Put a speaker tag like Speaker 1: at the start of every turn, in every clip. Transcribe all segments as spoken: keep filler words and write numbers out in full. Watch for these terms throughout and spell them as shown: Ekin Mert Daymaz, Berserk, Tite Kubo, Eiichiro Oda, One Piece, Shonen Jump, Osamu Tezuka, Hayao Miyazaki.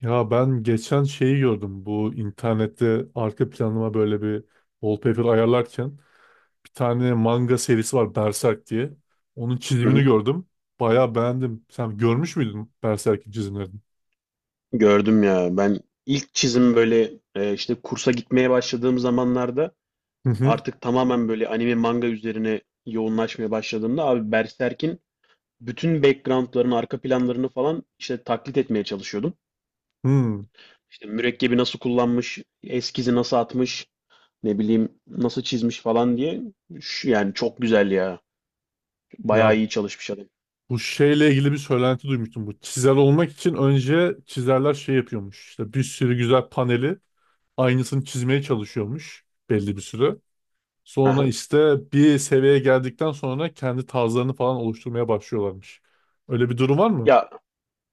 Speaker 1: Ya ben geçen şeyi gördüm. Bu internette arka planıma böyle bir wallpaper ayarlarken bir tane manga serisi var Berserk diye. Onun
Speaker 2: Hı
Speaker 1: çizimini
Speaker 2: hı.
Speaker 1: gördüm. Bayağı beğendim. Sen görmüş müydün Berserk'in çizimlerini?
Speaker 2: Gördüm ya. Ben ilk çizim böyle e, işte kursa gitmeye başladığım zamanlarda
Speaker 1: Hı hı.
Speaker 2: artık tamamen böyle anime manga üzerine yoğunlaşmaya başladığımda abi Berserk'in bütün background'larını, arka planlarını falan işte taklit etmeye çalışıyordum.
Speaker 1: Hmm.
Speaker 2: İşte mürekkebi nasıl kullanmış, eskizi nasıl atmış, ne bileyim nasıl çizmiş falan diye. Şu- Yani çok güzel ya. Bayağı
Speaker 1: Ya
Speaker 2: iyi çalışmış adam.
Speaker 1: bu şeyle ilgili bir söylenti duymuştum. Bu çizer olmak için önce çizerler şey yapıyormuş. İşte bir sürü güzel paneli aynısını çizmeye çalışıyormuş belli bir süre. Sonra
Speaker 2: Aha.
Speaker 1: işte bir seviyeye geldikten sonra kendi tarzlarını falan oluşturmaya başlıyorlarmış. Öyle bir durum var mı?
Speaker 2: Ya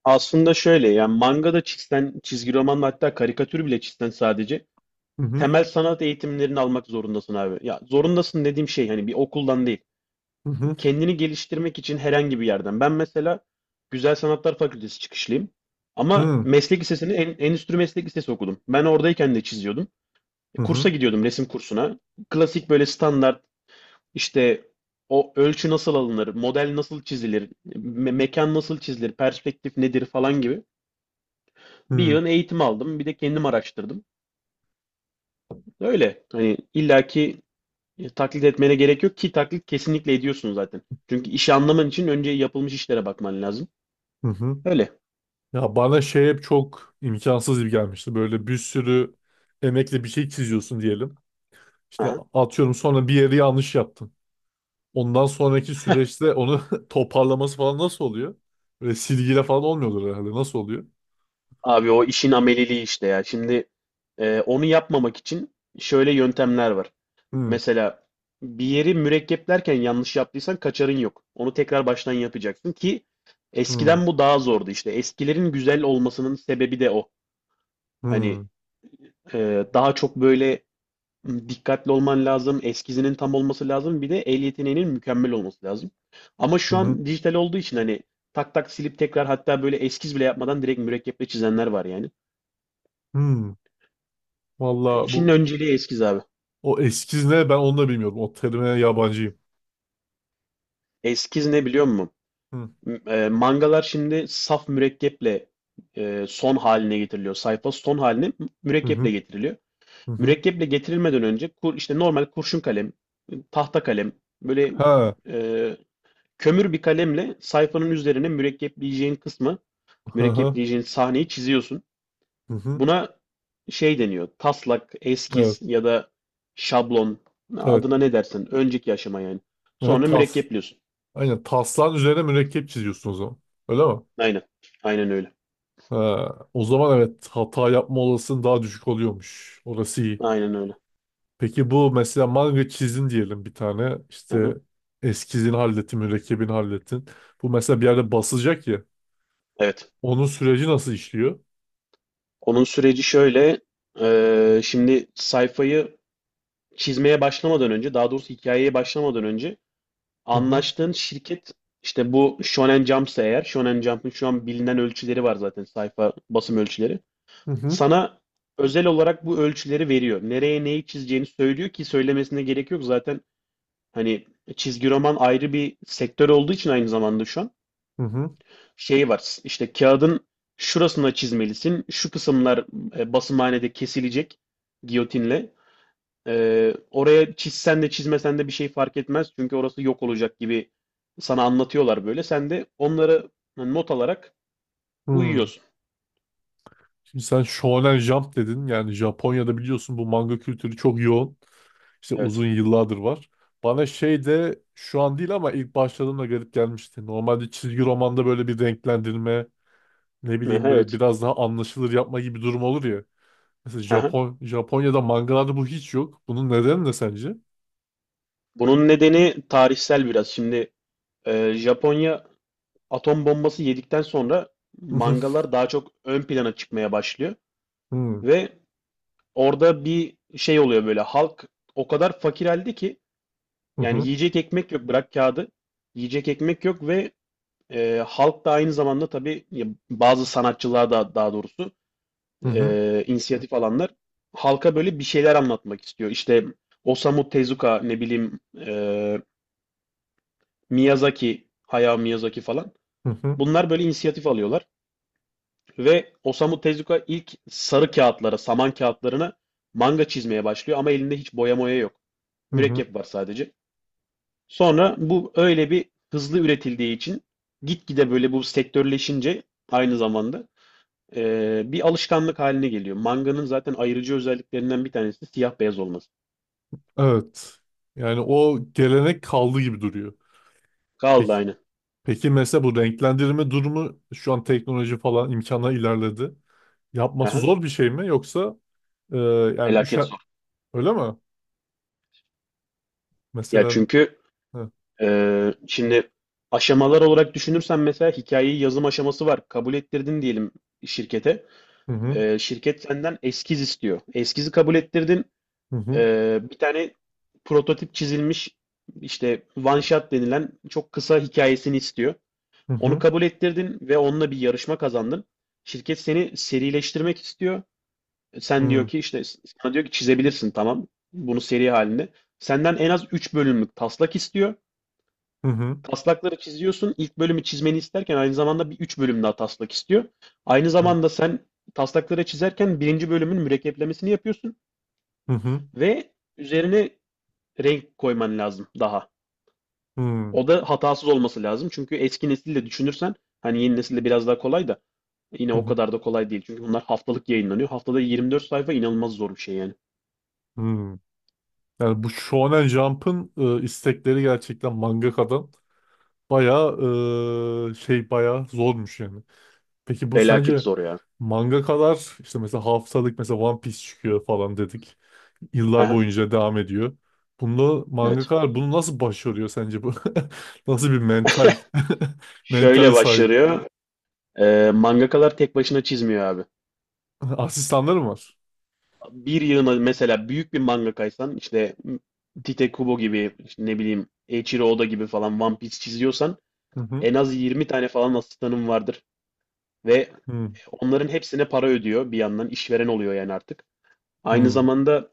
Speaker 2: aslında şöyle yani manga da çizsen, çizgi romanla hatta karikatür bile çizsen sadece
Speaker 1: Hı hı
Speaker 2: temel sanat eğitimlerini almak zorundasın abi. Ya zorundasın dediğim şey hani bir okuldan değil.
Speaker 1: hı hı
Speaker 2: Kendini geliştirmek için herhangi bir yerden. Ben mesela Güzel Sanatlar Fakültesi çıkışlıyım. Ama
Speaker 1: hı
Speaker 2: meslek lisesini en, endüstri meslek lisesi okudum. Ben oradayken de çiziyordum. E, Kursa
Speaker 1: hı
Speaker 2: gidiyordum resim kursuna. Klasik böyle standart işte o ölçü nasıl alınır, model nasıl çizilir, me- mekan nasıl çizilir, perspektif nedir falan gibi bir
Speaker 1: hı
Speaker 2: yığın eğitim aldım. Bir de kendim araştırdım. Öyle. Hani illaki E, taklit etmene gerek yok ki taklit kesinlikle ediyorsun zaten. Çünkü işi anlaman için önce yapılmış işlere bakman lazım.
Speaker 1: hı. Hı.
Speaker 2: Öyle.
Speaker 1: Ya bana şey hep çok imkansız gibi gelmişti. Böyle bir sürü emekle bir şey çiziyorsun diyelim. İşte
Speaker 2: Aha.
Speaker 1: atıyorum sonra bir yeri yanlış yaptın. Ondan sonraki süreçte onu toparlaması falan nasıl oluyor? Böyle silgiyle falan olmuyordur herhalde. Nasıl oluyor?
Speaker 2: Abi o işin ameliliği işte ya. Şimdi e, onu yapmamak için şöyle yöntemler var.
Speaker 1: Hı
Speaker 2: Mesela bir yeri mürekkeplerken yanlış yaptıysan kaçarın yok. Onu tekrar baştan yapacaksın ki
Speaker 1: hı
Speaker 2: eskiden bu daha zordu işte. Eskilerin güzel olmasının sebebi de o. Hani
Speaker 1: hı
Speaker 2: e, daha çok böyle dikkatli olman lazım, eskizinin tam olması lazım, bir de el yeteneğinin mükemmel olması lazım. Ama şu
Speaker 1: hı
Speaker 2: an dijital olduğu için hani tak tak silip tekrar hatta böyle eskiz bile yapmadan direkt mürekkeple çizenler var yani.
Speaker 1: hı.
Speaker 2: E,
Speaker 1: Valla
Speaker 2: İşin
Speaker 1: bu.
Speaker 2: önceliği eskiz abi.
Speaker 1: O eskiz ne ben onu da bilmiyorum. O terime yabancıyım.
Speaker 2: Eskiz ne biliyor musun?
Speaker 1: Hı
Speaker 2: M- e, mangalar şimdi saf mürekkeple e, son haline getiriliyor. Sayfa son haline
Speaker 1: hı
Speaker 2: mürekkeple
Speaker 1: hı
Speaker 2: getiriliyor.
Speaker 1: hı. Hı.
Speaker 2: Mürekkeple getirilmeden önce kur, işte normal kurşun kalem, tahta kalem böyle
Speaker 1: Ha.
Speaker 2: e, kömür bir kalemle sayfanın üzerine mürekkepleyeceğin kısmı,
Speaker 1: Hı hı.
Speaker 2: mürekkepleyeceğin sahneyi çiziyorsun.
Speaker 1: Hı hı.
Speaker 2: Buna şey deniyor, taslak, eskiz
Speaker 1: Evet.
Speaker 2: ya da şablon,
Speaker 1: Evet.
Speaker 2: adına ne dersen, önceki aşama yani.
Speaker 1: Ha,
Speaker 2: Sonra
Speaker 1: tas.
Speaker 2: mürekkepliyorsun.
Speaker 1: Aynen taslan üzerine mürekkep çiziyorsun o zaman. Öyle mi?
Speaker 2: Aynen, aynen öyle.
Speaker 1: Ha, o zaman evet hata yapma olasılığın daha düşük oluyormuş. Orası iyi.
Speaker 2: Aynen öyle.
Speaker 1: Peki bu mesela manga çizdin diyelim bir tane. İşte
Speaker 2: Aha.
Speaker 1: eskizini hallettin, mürekkebini hallettin. Bu mesela bir yerde basılacak ya.
Speaker 2: Evet.
Speaker 1: Onun süreci nasıl işliyor?
Speaker 2: Onun süreci şöyle, eee, şimdi sayfayı çizmeye başlamadan önce, daha doğrusu hikayeye başlamadan önce
Speaker 1: Hı hı.
Speaker 2: anlaştığın şirket işte bu Shonen Jump'sa eğer Shonen Jump'ın şu an bilinen ölçüleri var zaten sayfa basım ölçüleri.
Speaker 1: Hı hı.
Speaker 2: Sana özel olarak bu ölçüleri veriyor. Nereye neyi çizeceğini söylüyor ki söylemesine gerek yok. Zaten hani çizgi roman ayrı bir sektör olduğu için aynı zamanda şu an
Speaker 1: Hı hı.
Speaker 2: şey var. İşte kağıdın şurasına çizmelisin. Şu kısımlar e, basımhanede kesilecek giyotinle. Ee, oraya çizsen de çizmesen de bir şey fark etmez. Çünkü orası yok olacak gibi sana anlatıyorlar böyle. Sen de onları not alarak
Speaker 1: Hı.
Speaker 2: uyuyorsun.
Speaker 1: Şimdi sen Shonen Jump dedin. Yani Japonya'da biliyorsun bu manga kültürü çok yoğun. İşte
Speaker 2: Evet.
Speaker 1: uzun yıllardır var. Bana şey de şu an değil ama ilk başladığımda garip gelmişti. Normalde çizgi romanda böyle bir renklendirme, ne bileyim
Speaker 2: Aha,
Speaker 1: böyle
Speaker 2: evet.
Speaker 1: biraz daha anlaşılır yapma gibi durum olur ya. Mesela
Speaker 2: Aha.
Speaker 1: Japon Japonya'da mangalarda bu hiç yok. Bunun nedeni ne sence?
Speaker 2: Bunun nedeni tarihsel biraz. Şimdi e, Japonya atom bombası yedikten sonra
Speaker 1: Hı
Speaker 2: mangalar daha çok ön plana çıkmaya başlıyor.
Speaker 1: hı.
Speaker 2: Ve orada bir şey oluyor böyle. Halk o kadar fakir halde ki
Speaker 1: Hı
Speaker 2: yani
Speaker 1: hı.
Speaker 2: yiyecek ekmek yok. Bırak kağıdı. Yiyecek ekmek yok ve E, halk da aynı zamanda tabii ya, bazı sanatçılar da daha doğrusu
Speaker 1: Hı hı.
Speaker 2: e, inisiyatif alanlar halka böyle bir şeyler anlatmak istiyor. İşte Osamu Tezuka ne bileyim e, Miyazaki, Hayao Miyazaki falan.
Speaker 1: Hı hı.
Speaker 2: Bunlar böyle inisiyatif alıyorlar ve Osamu Tezuka ilk sarı kağıtlara, saman kağıtlarına manga çizmeye başlıyor ama elinde hiç boya moya yok.
Speaker 1: Hı hı.
Speaker 2: Mürekkep var sadece. Sonra bu öyle bir hızlı üretildiği için gitgide böyle bu sektörleşince aynı zamanda Ee, bir alışkanlık haline geliyor. Manganın zaten ayrıcı özelliklerinden bir tanesi siyah beyaz olması.
Speaker 1: Evet. Yani o gelenek kaldı gibi duruyor. Peki
Speaker 2: Kaldı aynı.
Speaker 1: Peki mesela bu renklendirme durumu şu an teknoloji falan imkana ilerledi. Yapması
Speaker 2: Aha,
Speaker 1: zor bir şey mi yoksa e, yani
Speaker 2: felaket
Speaker 1: üşen
Speaker 2: zor.
Speaker 1: öyle mi?
Speaker 2: Ya
Speaker 1: Mesela
Speaker 2: çünkü
Speaker 1: hı
Speaker 2: e, şimdi aşamalar olarak düşünürsen mesela hikayeyi yazım aşaması var. Kabul ettirdin diyelim şirkete.
Speaker 1: hı hı
Speaker 2: Ee, şirket senden eskiz istiyor. Eskizi kabul ettirdin.
Speaker 1: hı hı
Speaker 2: Ee, bir tane prototip çizilmiş işte one shot denilen çok kısa hikayesini istiyor. Onu
Speaker 1: hı
Speaker 2: kabul ettirdin ve onunla bir yarışma kazandın. Şirket seni serileştirmek istiyor. Sen diyor
Speaker 1: hı
Speaker 2: ki işte sana diyor ki çizebilirsin tamam. Bunu seri halinde. Senden en az üç bölümlük taslak istiyor.
Speaker 1: hı hı hı
Speaker 2: Taslakları çiziyorsun. İlk bölümü çizmeni isterken aynı zamanda bir üç bölüm daha taslak istiyor. Aynı zamanda sen taslakları çizerken birinci bölümün mürekkeplemesini yapıyorsun
Speaker 1: hı
Speaker 2: ve üzerine renk koyman lazım daha.
Speaker 1: hı
Speaker 2: O da hatasız olması lazım. Çünkü eski nesille düşünürsen hani yeni nesilde biraz daha kolay da yine o
Speaker 1: hı
Speaker 2: kadar da kolay değil. Çünkü bunlar haftalık yayınlanıyor. Haftada yirmi dört sayfa inanılmaz zor bir şey yani.
Speaker 1: hı. Yani bu Shonen Jump'ın e, istekleri gerçekten mangakadan bayağı e, şey bayağı zormuş yani. Peki bu
Speaker 2: Felaket
Speaker 1: sence
Speaker 2: zor ya.
Speaker 1: mangakalar işte mesela haftalık mesela One Piece çıkıyor falan dedik. Yıllar
Speaker 2: Aha,
Speaker 1: boyunca devam ediyor. Bunda
Speaker 2: evet.
Speaker 1: mangakalar bunu nasıl başarıyor sence bu? Nasıl bir mental
Speaker 2: Şöyle
Speaker 1: mentale sahip?
Speaker 2: başlıyor. Ee, mangakalar tek başına çizmiyor abi.
Speaker 1: Asistanları mı var?
Speaker 2: Bir yığına mesela büyük bir mangakaysan işte Tite Kubo gibi işte ne bileyim Eiichiro Oda gibi falan One Piece çiziyorsan
Speaker 1: Hı hı.
Speaker 2: en az yirmi tane falan asistanın vardır. Ve
Speaker 1: Hı
Speaker 2: onların hepsine para ödüyor bir yandan işveren oluyor yani artık. Aynı
Speaker 1: hı.
Speaker 2: zamanda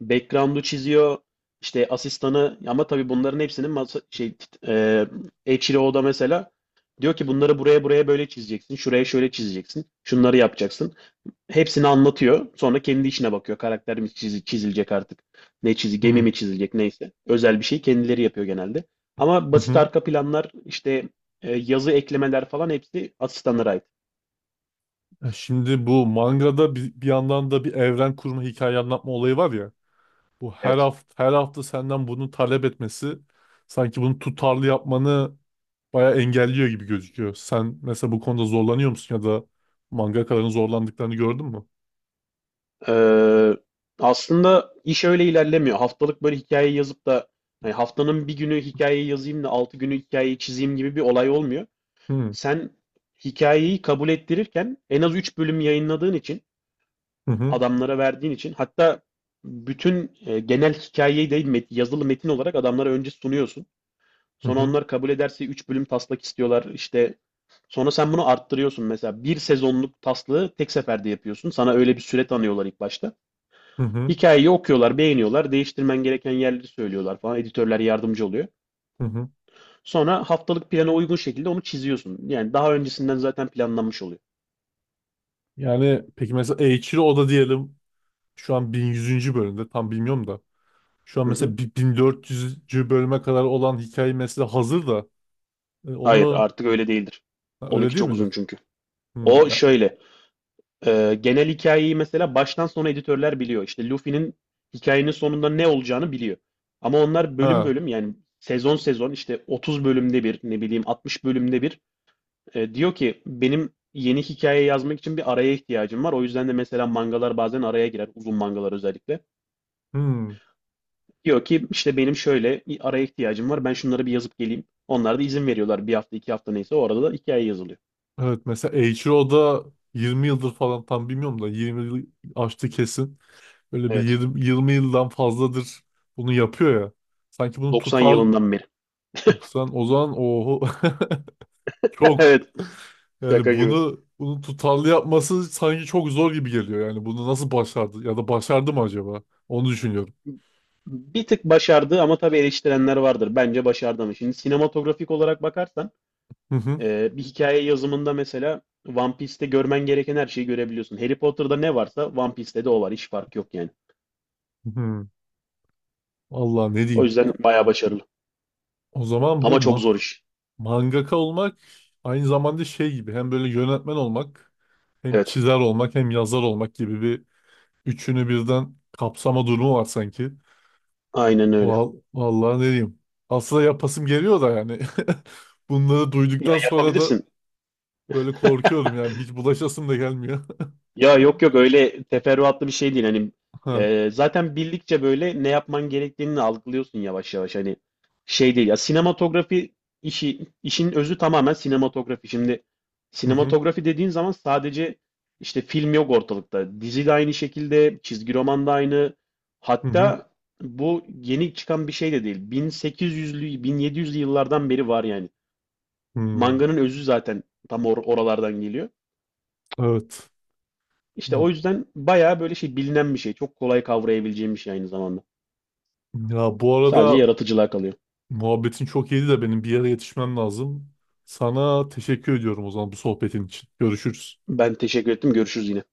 Speaker 2: background'u çiziyor. İşte asistanı ama tabii bunların hepsinin masa, şey tit- e, Eiichiro'da mesela diyor ki bunları buraya buraya böyle çizeceksin. Şuraya şöyle çizeceksin. Şunları yapacaksın. Hepsini anlatıyor. Sonra kendi içine bakıyor. Karakter mi çizi- çizilecek artık? Ne çizi,
Speaker 1: Hı
Speaker 2: gemi
Speaker 1: hı.
Speaker 2: mi çizilecek neyse. Özel bir şey kendileri yapıyor genelde. Ama basit
Speaker 1: Hı.
Speaker 2: arka planlar işte e, yazı eklemeler falan hepsi asistanlara ait.
Speaker 1: E Şimdi bu mangada bir, bir yandan da bir evren kurma, hikaye anlatma olayı var ya. Bu her
Speaker 2: Evet.
Speaker 1: hafta her hafta senden bunu talep etmesi sanki bunu tutarlı yapmanı bayağı engelliyor gibi gözüküyor. Sen mesela bu konuda zorlanıyor musun ya da mangakaların zorlandıklarını gördün mü?
Speaker 2: Ee, Aslında iş öyle ilerlemiyor. Haftalık böyle hikaye yazıp da hani haftanın bir günü hikayeyi yazayım da altı günü hikayeyi çizeyim gibi bir olay olmuyor.
Speaker 1: Hı
Speaker 2: Sen hikayeyi kabul ettirirken en az üç bölüm yayınladığın için,
Speaker 1: hı hı
Speaker 2: adamlara verdiğin için hatta bütün e, genel hikayeyi değil met- yazılı metin olarak adamlara önce sunuyorsun.
Speaker 1: hı.
Speaker 2: Sonra
Speaker 1: Hı.
Speaker 2: onlar kabul ederse üç bölüm taslak istiyorlar. İşte. Sonra sen bunu arttırıyorsun. Mesela bir sezonluk taslağı tek seferde yapıyorsun. Sana öyle bir süre tanıyorlar ilk başta.
Speaker 1: Hı hı.
Speaker 2: Hikayeyi okuyorlar, beğeniyorlar, değiştirmen gereken yerleri söylüyorlar falan. Editörler yardımcı oluyor.
Speaker 1: Hı hı.
Speaker 2: Sonra haftalık plana uygun şekilde onu çiziyorsun. Yani daha öncesinden zaten planlanmış oluyor.
Speaker 1: Yani peki mesela Eiichiro Oda diyelim şu an bin yüzüncü. bölümde tam bilmiyorum da şu an
Speaker 2: Hı hı.
Speaker 1: mesela bi- bin dört yüzüncü. bölüme kadar olan hikaye mesela hazır da, e,
Speaker 2: Hayır,
Speaker 1: onu,
Speaker 2: artık öyle değildir.
Speaker 1: ha, öyle
Speaker 2: Onunki
Speaker 1: değil
Speaker 2: çok
Speaker 1: midir?
Speaker 2: uzun çünkü.
Speaker 1: Hmm,
Speaker 2: O
Speaker 1: ya,
Speaker 2: şöyle, e, genel hikayeyi mesela baştan sona editörler biliyor. İşte Luffy'nin hikayenin sonunda ne olacağını biliyor. Ama onlar bölüm
Speaker 1: ha,
Speaker 2: bölüm yani sezon sezon işte otuz bölümde bir ne bileyim altmış bölümde bir E, diyor ki benim yeni hikaye yazmak için bir araya ihtiyacım var. O yüzden de mesela mangalar bazen araya girer. Uzun mangalar özellikle.
Speaker 1: hmm.
Speaker 2: Diyor ki işte benim şöyle bir araya ihtiyacım var. Ben şunları bir yazıp geleyim. Onlar da izin veriyorlar. Bir hafta iki hafta neyse o arada da hikaye yazılıyor.
Speaker 1: Evet mesela Eiichiro Oda yirmi yıldır falan tam bilmiyorum da yirmi yıl aştı kesin. Böyle bir
Speaker 2: Evet.
Speaker 1: yirmi, yirmi yıldan fazladır bunu yapıyor ya. Sanki bunu
Speaker 2: doksan
Speaker 1: tutar.
Speaker 2: yılından beri.
Speaker 1: doksan o zaman oho çok.
Speaker 2: Evet.
Speaker 1: Yani
Speaker 2: Şaka gibi.
Speaker 1: bunu bunu tutarlı yapması sanki çok zor gibi geliyor. Yani bunu nasıl başardı ya da başardı mı acaba? Onu düşünüyorum.
Speaker 2: Bir tık başardı ama tabii eleştirenler vardır. Bence başardı ama. Şimdi sinematografik olarak bakarsan
Speaker 1: Hı hı.
Speaker 2: e, bir hikaye yazımında mesela One Piece'te görmen gereken her şeyi görebiliyorsun. Harry Potter'da ne varsa One Piece'te de o var. Hiç fark yok yani.
Speaker 1: Hı hı. Allah ne
Speaker 2: O
Speaker 1: diyeyim.
Speaker 2: yüzden bayağı başarılı.
Speaker 1: O zaman bu
Speaker 2: Ama çok
Speaker 1: ma
Speaker 2: zor iş.
Speaker 1: mangaka olmak aynı zamanda şey gibi hem böyle yönetmen olmak hem
Speaker 2: Evet.
Speaker 1: çizer olmak hem yazar olmak gibi bir üçünü birden kapsama durumu var sanki.
Speaker 2: Aynen öyle.
Speaker 1: Val vallahi ne diyeyim. Aslında yapasım geliyor da yani. Bunları
Speaker 2: Ya
Speaker 1: duyduktan sonra da
Speaker 2: yapabilirsin.
Speaker 1: böyle korkuyorum yani hiç bulaşasım da gelmiyor.
Speaker 2: Ya yok yok öyle teferruatlı bir şey değil. Hani e, zaten bildikçe böyle ne yapman gerektiğini algılıyorsun yavaş yavaş. Hani şey değil ya sinematografi işi işin özü tamamen sinematografi. Şimdi
Speaker 1: Hı hı,
Speaker 2: sinematografi dediğin zaman sadece işte film yok ortalıkta. Dizi de aynı şekilde, çizgi roman da aynı.
Speaker 1: hı hı,
Speaker 2: Hatta bu yeni çıkan bir şey de değil. bin sekiz yüzlü bin yedi yüzlü yıllardan beri var yani.
Speaker 1: hı.
Speaker 2: Manganın özü zaten tam or- oralardan geliyor.
Speaker 1: Evet.
Speaker 2: İşte
Speaker 1: Ya,
Speaker 2: o yüzden bayağı böyle şey bilinen bir şey. Çok kolay kavrayabileceğim bir şey aynı zamanda.
Speaker 1: ya bu
Speaker 2: Sadece
Speaker 1: arada
Speaker 2: yaratıcılığa kalıyor.
Speaker 1: muhabbetin çok iyiydi de benim bir yere yetişmem lazım. Sana teşekkür ediyorum o zaman bu sohbetin için. Görüşürüz.
Speaker 2: Ben teşekkür ettim. Görüşürüz yine.